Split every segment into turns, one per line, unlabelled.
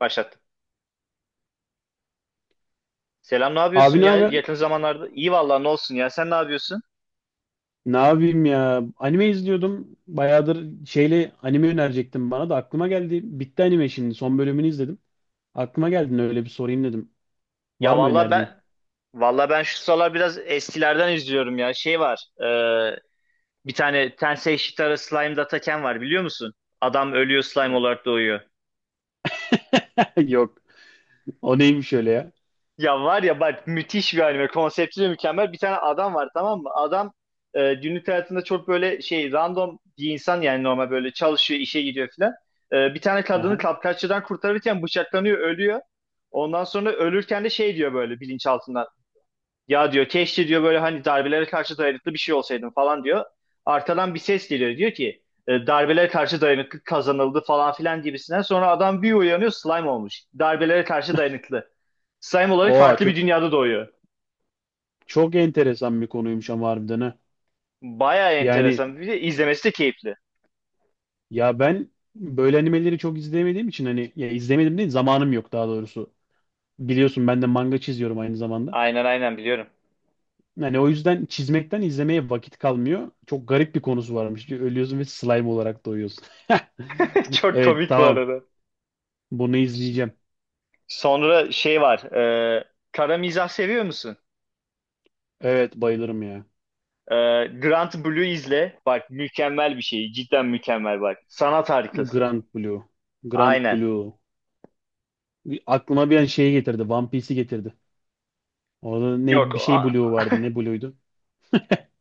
Başlattım. Selam ne yapıyorsun
Abi, ne
ya
haber?
yakın zamanlarda? İyi vallahi ne olsun ya sen ne yapıyorsun?
Ne yapayım ya? Anime izliyordum. Bayağıdır şeyle anime önerecektim, bana da aklıma geldi. Bitti anime şimdi. Son bölümünü izledim. Aklıma geldi, öyle bir sorayım dedim. Var
Ya
mı
vallahi
önerdiğin?
ben vallahi ben şu sıralar biraz eskilerden izliyorum ya. Şey var bir tane Tensei Shitara Slime Dataken var biliyor musun? Adam ölüyor slime olarak doğuyor.
Yok. O neymiş öyle ya?
Ya var ya bak müthiş bir anime. Konsepti de mükemmel. Bir tane adam var tamam mı? Adam günlük hayatında çok böyle şey random bir insan yani normal böyle çalışıyor, işe gidiyor filan. Bir tane kadını
Aha.
kapkaççıdan kurtarırken bıçaklanıyor, ölüyor. Ondan sonra ölürken de şey diyor böyle bilinçaltından. Ya diyor keşke diyor böyle hani darbelere karşı dayanıklı bir şey olsaydım falan diyor. Arkadan bir ses geliyor diyor ki darbelere karşı dayanıklı kazanıldı falan filan gibisinden. Sonra adam bir uyanıyor slime olmuş. Darbelere karşı dayanıklı. Slime olarak
Oha,
farklı bir
çok,
dünyada doğuyor.
çok enteresan bir konuymuş ama harbiden, ha.
Bayağı
Yani
enteresan. Bir de izlemesi de keyifli.
ya ben böyle animeleri çok izleyemediğim için, hani ya izlemedim değil, zamanım yok daha doğrusu. Biliyorsun ben de manga çiziyorum aynı zamanda.
Aynen aynen biliyorum.
Yani o yüzden çizmekten izlemeye vakit kalmıyor. Çok garip bir konusu varmış. Ölüyorsun ve slime olarak doğuyorsun.
Çok
Evet,
komik bu
tamam.
arada.
Bunu izleyeceğim.
Sonra şey var. Kara mizah seviyor musun?
Evet, bayılırım ya.
E, Grant Blue izle. Bak mükemmel bir şey. Cidden mükemmel bak. Sanat harikası.
Grand Blue. Grand
Aynen.
Blue. Aklıma bir an şeyi getirdi. One Piece'i getirdi. Orada
Yok.
ne bir şey Blue vardı. Ne Blue'ydu?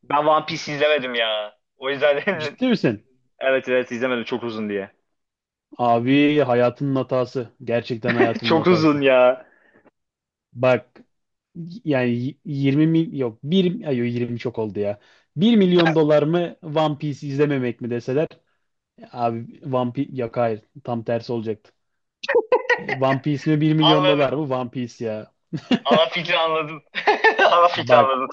Ben One Piece izlemedim ya. O yüzden
Ciddi misin?
evet evet izlemedim çok uzun diye.
Abi, hayatının hatası. Gerçekten hayatının
Çok uzun
hatası.
ya.
Bak yani 20 mil yok, bir ay yok, 20 çok oldu ya. 1 milyon dolar mı, One Piece izlememek mi deseler? Abi, One Piece. Yok, hayır, tam tersi olacaktı. One Piece mi, bir milyon
Anladım.
dolar mı? One Piece ya.
Ana fikri anladım. Ana fikri
Bak,
anladım.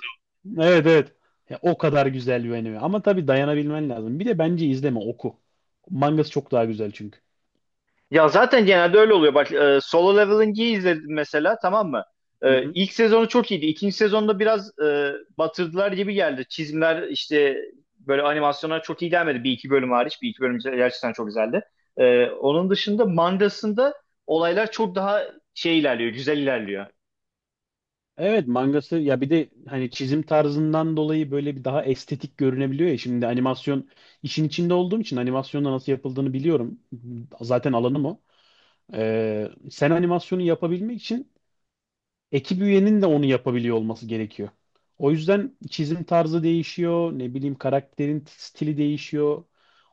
evet, evet. Ya, o kadar güzel bir anime ama tabii dayanabilmen lazım. Bir de bence izleme, oku. Mangası çok daha güzel çünkü.
Ya zaten genelde öyle oluyor. Bak Solo Leveling'i izledim mesela tamam mı?
Hı hı.
İlk sezonu çok iyiydi. İkinci sezonda biraz batırdılar gibi geldi. Çizimler işte böyle animasyonlar çok iyi gelmedi. Bir iki bölüm hariç. Bir iki bölüm gerçekten çok güzeldi. Onun dışında mangasında olaylar çok daha şey ilerliyor. Güzel ilerliyor.
Evet, mangası, ya bir de hani çizim tarzından dolayı böyle bir daha estetik görünebiliyor ya. Şimdi animasyon işin içinde olduğum için animasyonda nasıl yapıldığını biliyorum. Zaten alanım o. Sen animasyonu yapabilmek için ekip üyenin de onu yapabiliyor olması gerekiyor. O yüzden çizim tarzı değişiyor, ne bileyim karakterin stili değişiyor,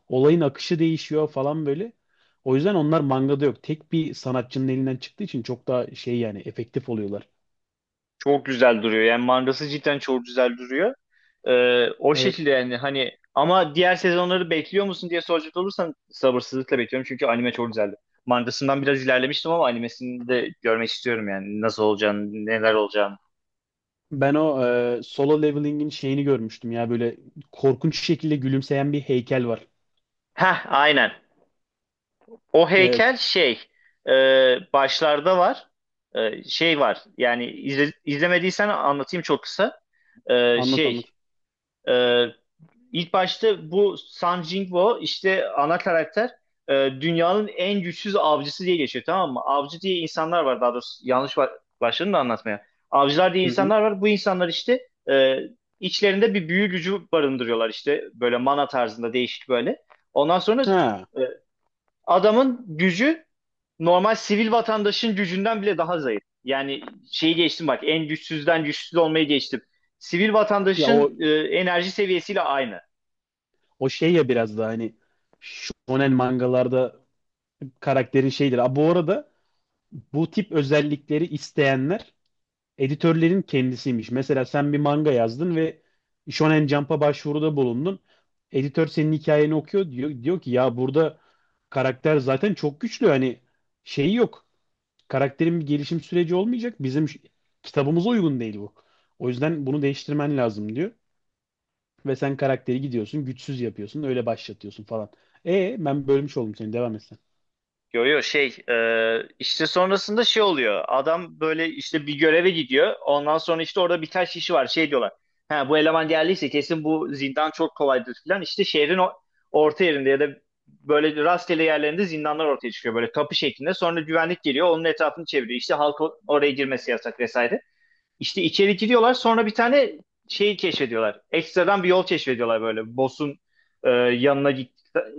olayın akışı değişiyor falan böyle. O yüzden onlar mangada yok. Tek bir sanatçının elinden çıktığı için çok daha şey, yani efektif oluyorlar.
Çok güzel duruyor. Yani mangası cidden çok güzel duruyor. O
Evet.
şekilde yani hani ama diğer sezonları bekliyor musun diye soracak olursan sabırsızlıkla bekliyorum çünkü anime çok güzeldi. Mangasından biraz ilerlemiştim ama animesini de görmek istiyorum yani nasıl olacağını, neler olacağını.
Ben o Solo Leveling'in şeyini görmüştüm ya, böyle korkunç şekilde gülümseyen bir heykel var.
Heh, aynen. O
Evet.
heykel şey e, başlarda var. Şey var yani izlemediysen anlatayım çok kısa. E,
Anlat,
şey
anlat.
e, İlk başta bu Sun Jingwo işte ana karakter e, dünyanın en güçsüz avcısı diye geçiyor tamam mı? Avcı diye insanlar var daha doğrusu yanlış başladım da anlatmaya. Avcılar diye
Hı hı.
insanlar var. Bu insanlar işte içlerinde bir büyü gücü barındırıyorlar işte böyle mana tarzında değişik böyle. Ondan sonra
Ha.
e, adamın gücü normal sivil vatandaşın gücünden bile daha zayıf. Yani şeyi geçtim bak en güçsüzden güçsüz olmayı geçtim. Sivil
Ya o
vatandaşın enerji seviyesiyle aynı.
o şey, ya biraz da hani shonen mangalarda karakterin şeydir. Aa, bu arada bu tip özellikleri isteyenler editörlerin kendisiymiş. Mesela sen bir manga yazdın ve Shonen Jump'a başvuruda bulundun. Editör senin hikayeni okuyor, diyor, diyor ki ya burada karakter zaten çok güçlü, hani şeyi yok. Karakterin bir gelişim süreci olmayacak. Bizim kitabımıza uygun değil bu. O yüzden bunu değiştirmen lazım diyor. Ve sen karakteri gidiyorsun, güçsüz yapıyorsun, öyle başlatıyorsun falan. Ben bölmüş oldum seni, devam etsen.
Yo yo şey işte sonrasında şey oluyor. Adam böyle işte bir göreve gidiyor. Ondan sonra işte orada birkaç kişi var. Şey diyorlar. Ha bu eleman geldiyse kesin bu zindan çok kolaydır falan. İşte şehrin orta yerinde ya da böyle rastgele yerlerinde zindanlar ortaya çıkıyor. Böyle kapı şeklinde. Sonra güvenlik geliyor. Onun etrafını çeviriyor. İşte halk oraya girmesi yasak vesaire. İşte içeri giriyorlar sonra bir tane şeyi keşfediyorlar. Ekstradan bir yol keşfediyorlar böyle. Boss'un yanına git,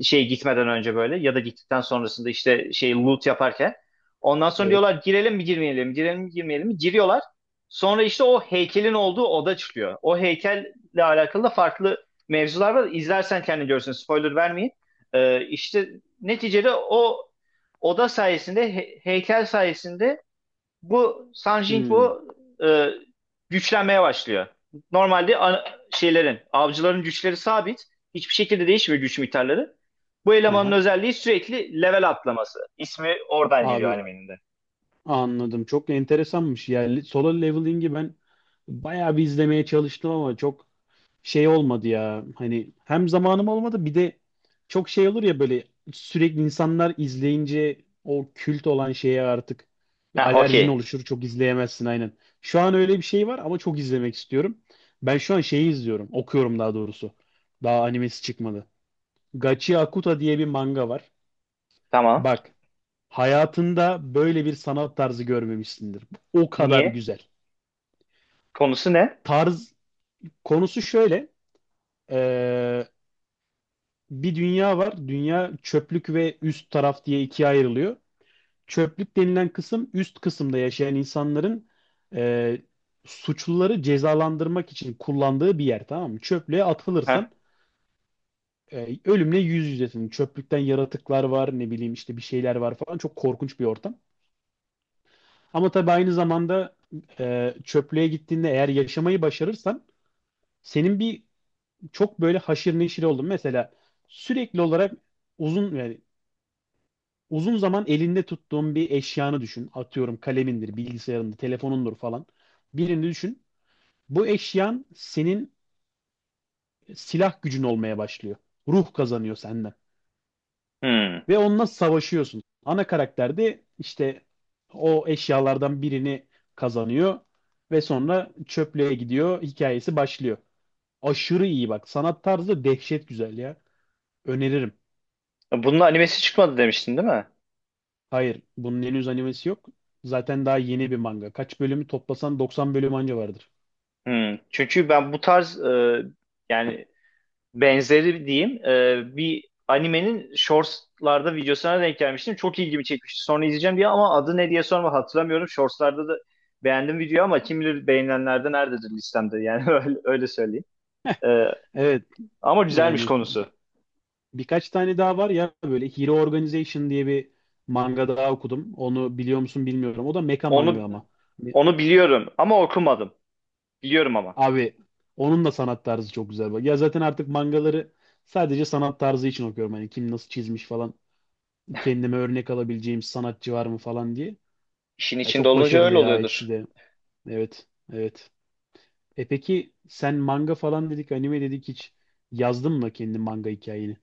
şey gitmeden önce böyle ya da gittikten sonrasında işte şey loot yaparken. Ondan sonra
Evet.
diyorlar girelim mi girmeyelim mi girelim mi girmeyelim mi giriyorlar. Sonra işte o heykelin olduğu oda çıkıyor. O heykelle alakalı da farklı mevzular var. İzlersen kendin görürsün spoiler vermeyeyim. İşte neticede o oda sayesinde heykel sayesinde bu San
Hmm.
Jinfu e, güçlenmeye başlıyor. Normalde şeylerin, avcıların güçleri sabit. Hiçbir şekilde değişmiyor güç miktarları. Bu elemanın
Aha.
özelliği sürekli level atlaması. İsmi oradan geliyor
Abi,
animenin de.
anladım. Çok enteresanmış. Yani solo leveling'i ben bayağı bir izlemeye çalıştım ama çok şey olmadı ya. Hani hem zamanım olmadı, bir de çok şey olur ya, böyle sürekli insanlar izleyince o kült olan şeye artık
Ha,
bir
okey.
alerjin oluşur. Çok izleyemezsin, aynen. Şu an öyle bir şey var ama çok izlemek istiyorum. Ben şu an şeyi izliyorum. Okuyorum daha doğrusu. Daha animesi çıkmadı. Gachi Akuta diye bir manga var.
Tamam.
Bak, hayatında böyle bir sanat tarzı görmemişsindir. O kadar
Niye?
güzel.
Konusu ne?
Tarz, konusu şöyle. Bir dünya var. Dünya çöplük ve üst taraf diye ikiye ayrılıyor. Çöplük denilen kısım, üst kısımda yaşayan insanların e, suçluları cezalandırmak için kullandığı bir yer, tamam mı? Çöplüğe
Ha,
atılırsan ölümle yüz yüzesin. Çöplükten yaratıklar var, ne bileyim işte bir şeyler var falan, çok korkunç bir ortam. Ama tabii aynı zamanda çöplüğe gittiğinde eğer yaşamayı başarırsan, senin bir çok böyle haşır neşir oldun. Mesela sürekli olarak uzun yani uzun zaman elinde tuttuğun bir eşyanı düşün. Atıyorum kalemindir, bilgisayarındır, telefonundur falan. Birini düşün. Bu eşyan senin silah gücün olmaya başlıyor. Ruh kazanıyor senden.
hmm.
Ve onunla savaşıyorsun. Ana karakter de işte o eşyalardan birini kazanıyor ve sonra çöplüğe gidiyor. Hikayesi başlıyor. Aşırı iyi, bak. Sanat tarzı dehşet güzel ya. Öneririm.
Bunun animesi çıkmadı demiştin değil mi?
Hayır, bunun henüz animesi yok. Zaten daha yeni bir manga. Kaç bölümü toplasan 90 bölüm anca vardır.
Hmm. Çünkü ben bu tarz yani benzeri diyeyim bir animenin shortslarda videosuna denk gelmiştim. Çok ilgimi çekmişti. Sonra izleyeceğim diye ama adı ne diye sorma hatırlamıyorum. Shortslarda da beğendim video ama kim bilir beğenilenlerde nerededir listemde yani öyle, öyle söyleyeyim. E,
Evet,
Ama güzelmiş
yani
konusu.
birkaç tane daha var ya, böyle Hero Organization diye bir manga daha okudum. Onu biliyor musun bilmiyorum. O da mecha manga
Onu
ama. Hani,
onu biliyorum ama okumadım. Biliyorum ama.
abi, onun da sanat tarzı çok güzel. Bak. Ya zaten artık mangaları sadece sanat tarzı için okuyorum. Hani kim nasıl çizmiş falan. Kendime örnek alabileceğim sanatçı var mı falan diye.
İşin
Ya
içinde
çok
olunca
başarılı
öyle
ya,
oluyordur.
ikisi de. Evet, evet. Peki sen, manga falan dedik, anime dedik, hiç yazdın mı kendi manga hikayeni?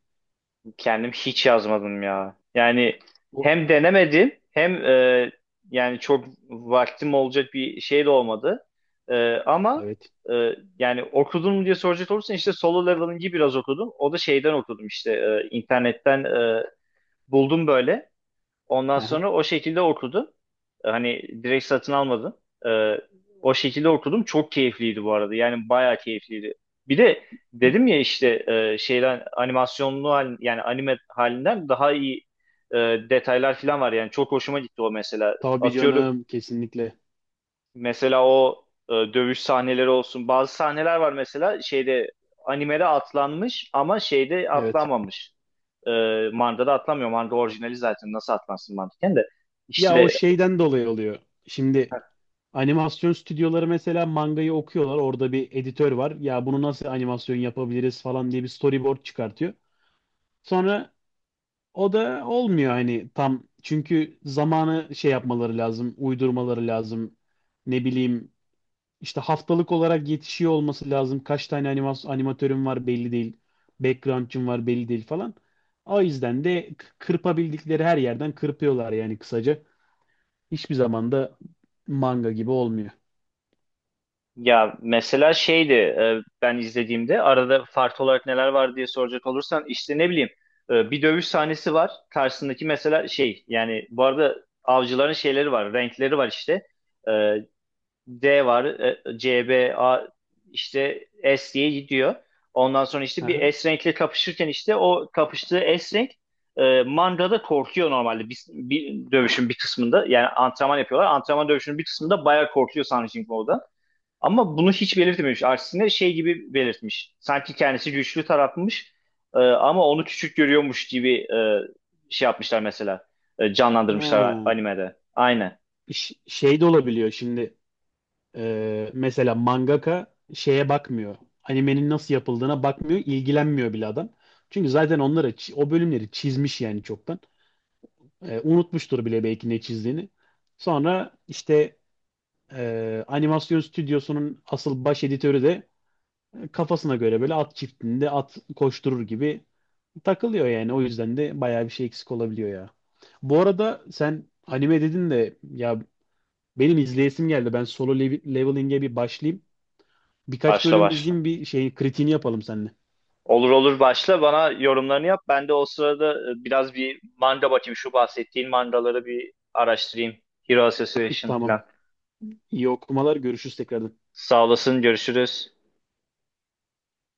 Kendim hiç yazmadım ya. Yani
O.
hem denemedim hem yani çok vaktim olacak bir şey de olmadı. Ama
Evet.
e, yani okudun mu diye soracak olursan işte Solo Leveling'i biraz okudum. O da şeyden okudum işte internetten buldum böyle. Ondan
Hı.
sonra o şekilde okudum. Hani direkt satın almadım. Ee, o şekilde okudum. Çok keyifliydi bu arada. Yani bayağı keyifliydi. Bir de dedim ya işte şeyden animasyonlu hal, yani anime halinden daha iyi e, detaylar falan var. Yani çok hoşuma gitti o mesela.
Tabii
Atıyorum
canım, kesinlikle.
mesela o dövüş sahneleri olsun. Bazı sahneler var mesela şeyde animede atlanmış ama şeyde
Evet.
atlanmamış. E, Manga'da atlamıyor. Manga orijinali zaten nasıl atlansın mantıken de.
Ya o
İşte
şeyden dolayı oluyor. Şimdi animasyon stüdyoları mesela mangayı okuyorlar. Orada bir editör var. Ya bunu nasıl animasyon yapabiliriz falan diye bir storyboard çıkartıyor. Sonra o da olmuyor hani tam, çünkü zamanı şey yapmaları lazım, uydurmaları lazım. Ne bileyim, işte haftalık olarak yetişiyor olması lazım. Kaç tane animatörüm var belli değil. Background'cum var belli değil falan. O yüzden de kırpabildikleri her yerden kırpıyorlar yani kısaca. Hiçbir zaman da manga gibi olmuyor.
ya mesela şeydi ben izlediğimde arada farklı olarak neler var diye soracak olursan işte ne bileyim bir dövüş sahnesi var. Karşısındaki mesela şey yani bu arada avcıların şeyleri var renkleri var işte. E, D var, C, B, A işte S diye gidiyor. Ondan sonra işte
Aha.
bir S renkle kapışırken işte o kapıştığı S renk Manga'da korkuyor normalde bir, bir dövüşün bir kısmında. Yani antrenman yapıyorlar. Antrenman dövüşünün bir kısmında bayağı korkuyor Sun Jingwo'da. Ama bunu hiç belirtmemiş. Aksine şey gibi belirtmiş. Sanki kendisi güçlü tarafmış ama onu küçük görüyormuş gibi şey yapmışlar mesela. Canlandırmışlar
Ha.
animede. Aynen.
Şey de olabiliyor şimdi. Mesela mangaka şeye bakmıyor. Animenin nasıl yapıldığına bakmıyor, ilgilenmiyor bile adam. Çünkü zaten onları o bölümleri çizmiş yani çoktan. Unutmuştur bile belki ne çizdiğini. Sonra işte animasyon stüdyosunun asıl baş editörü de kafasına göre böyle at çiftliğinde at koşturur gibi takılıyor yani. O yüzden de bayağı bir şey eksik olabiliyor ya. Bu arada sen anime dedin de ya, benim izleyesim geldi. Ben Solo Leveling'e bir başlayayım. Birkaç
Başla
bölüm
başla.
izleyeyim, bir şey, kritiğini yapalım seninle.
Olur olur başla bana yorumlarını yap. Ben de o sırada biraz bir manga bakayım. Şu bahsettiğin mangaları bir araştırayım. Hero Association
Tamam.
falan.
İyi okumalar. Görüşürüz tekrardan.
Sağ olasın görüşürüz.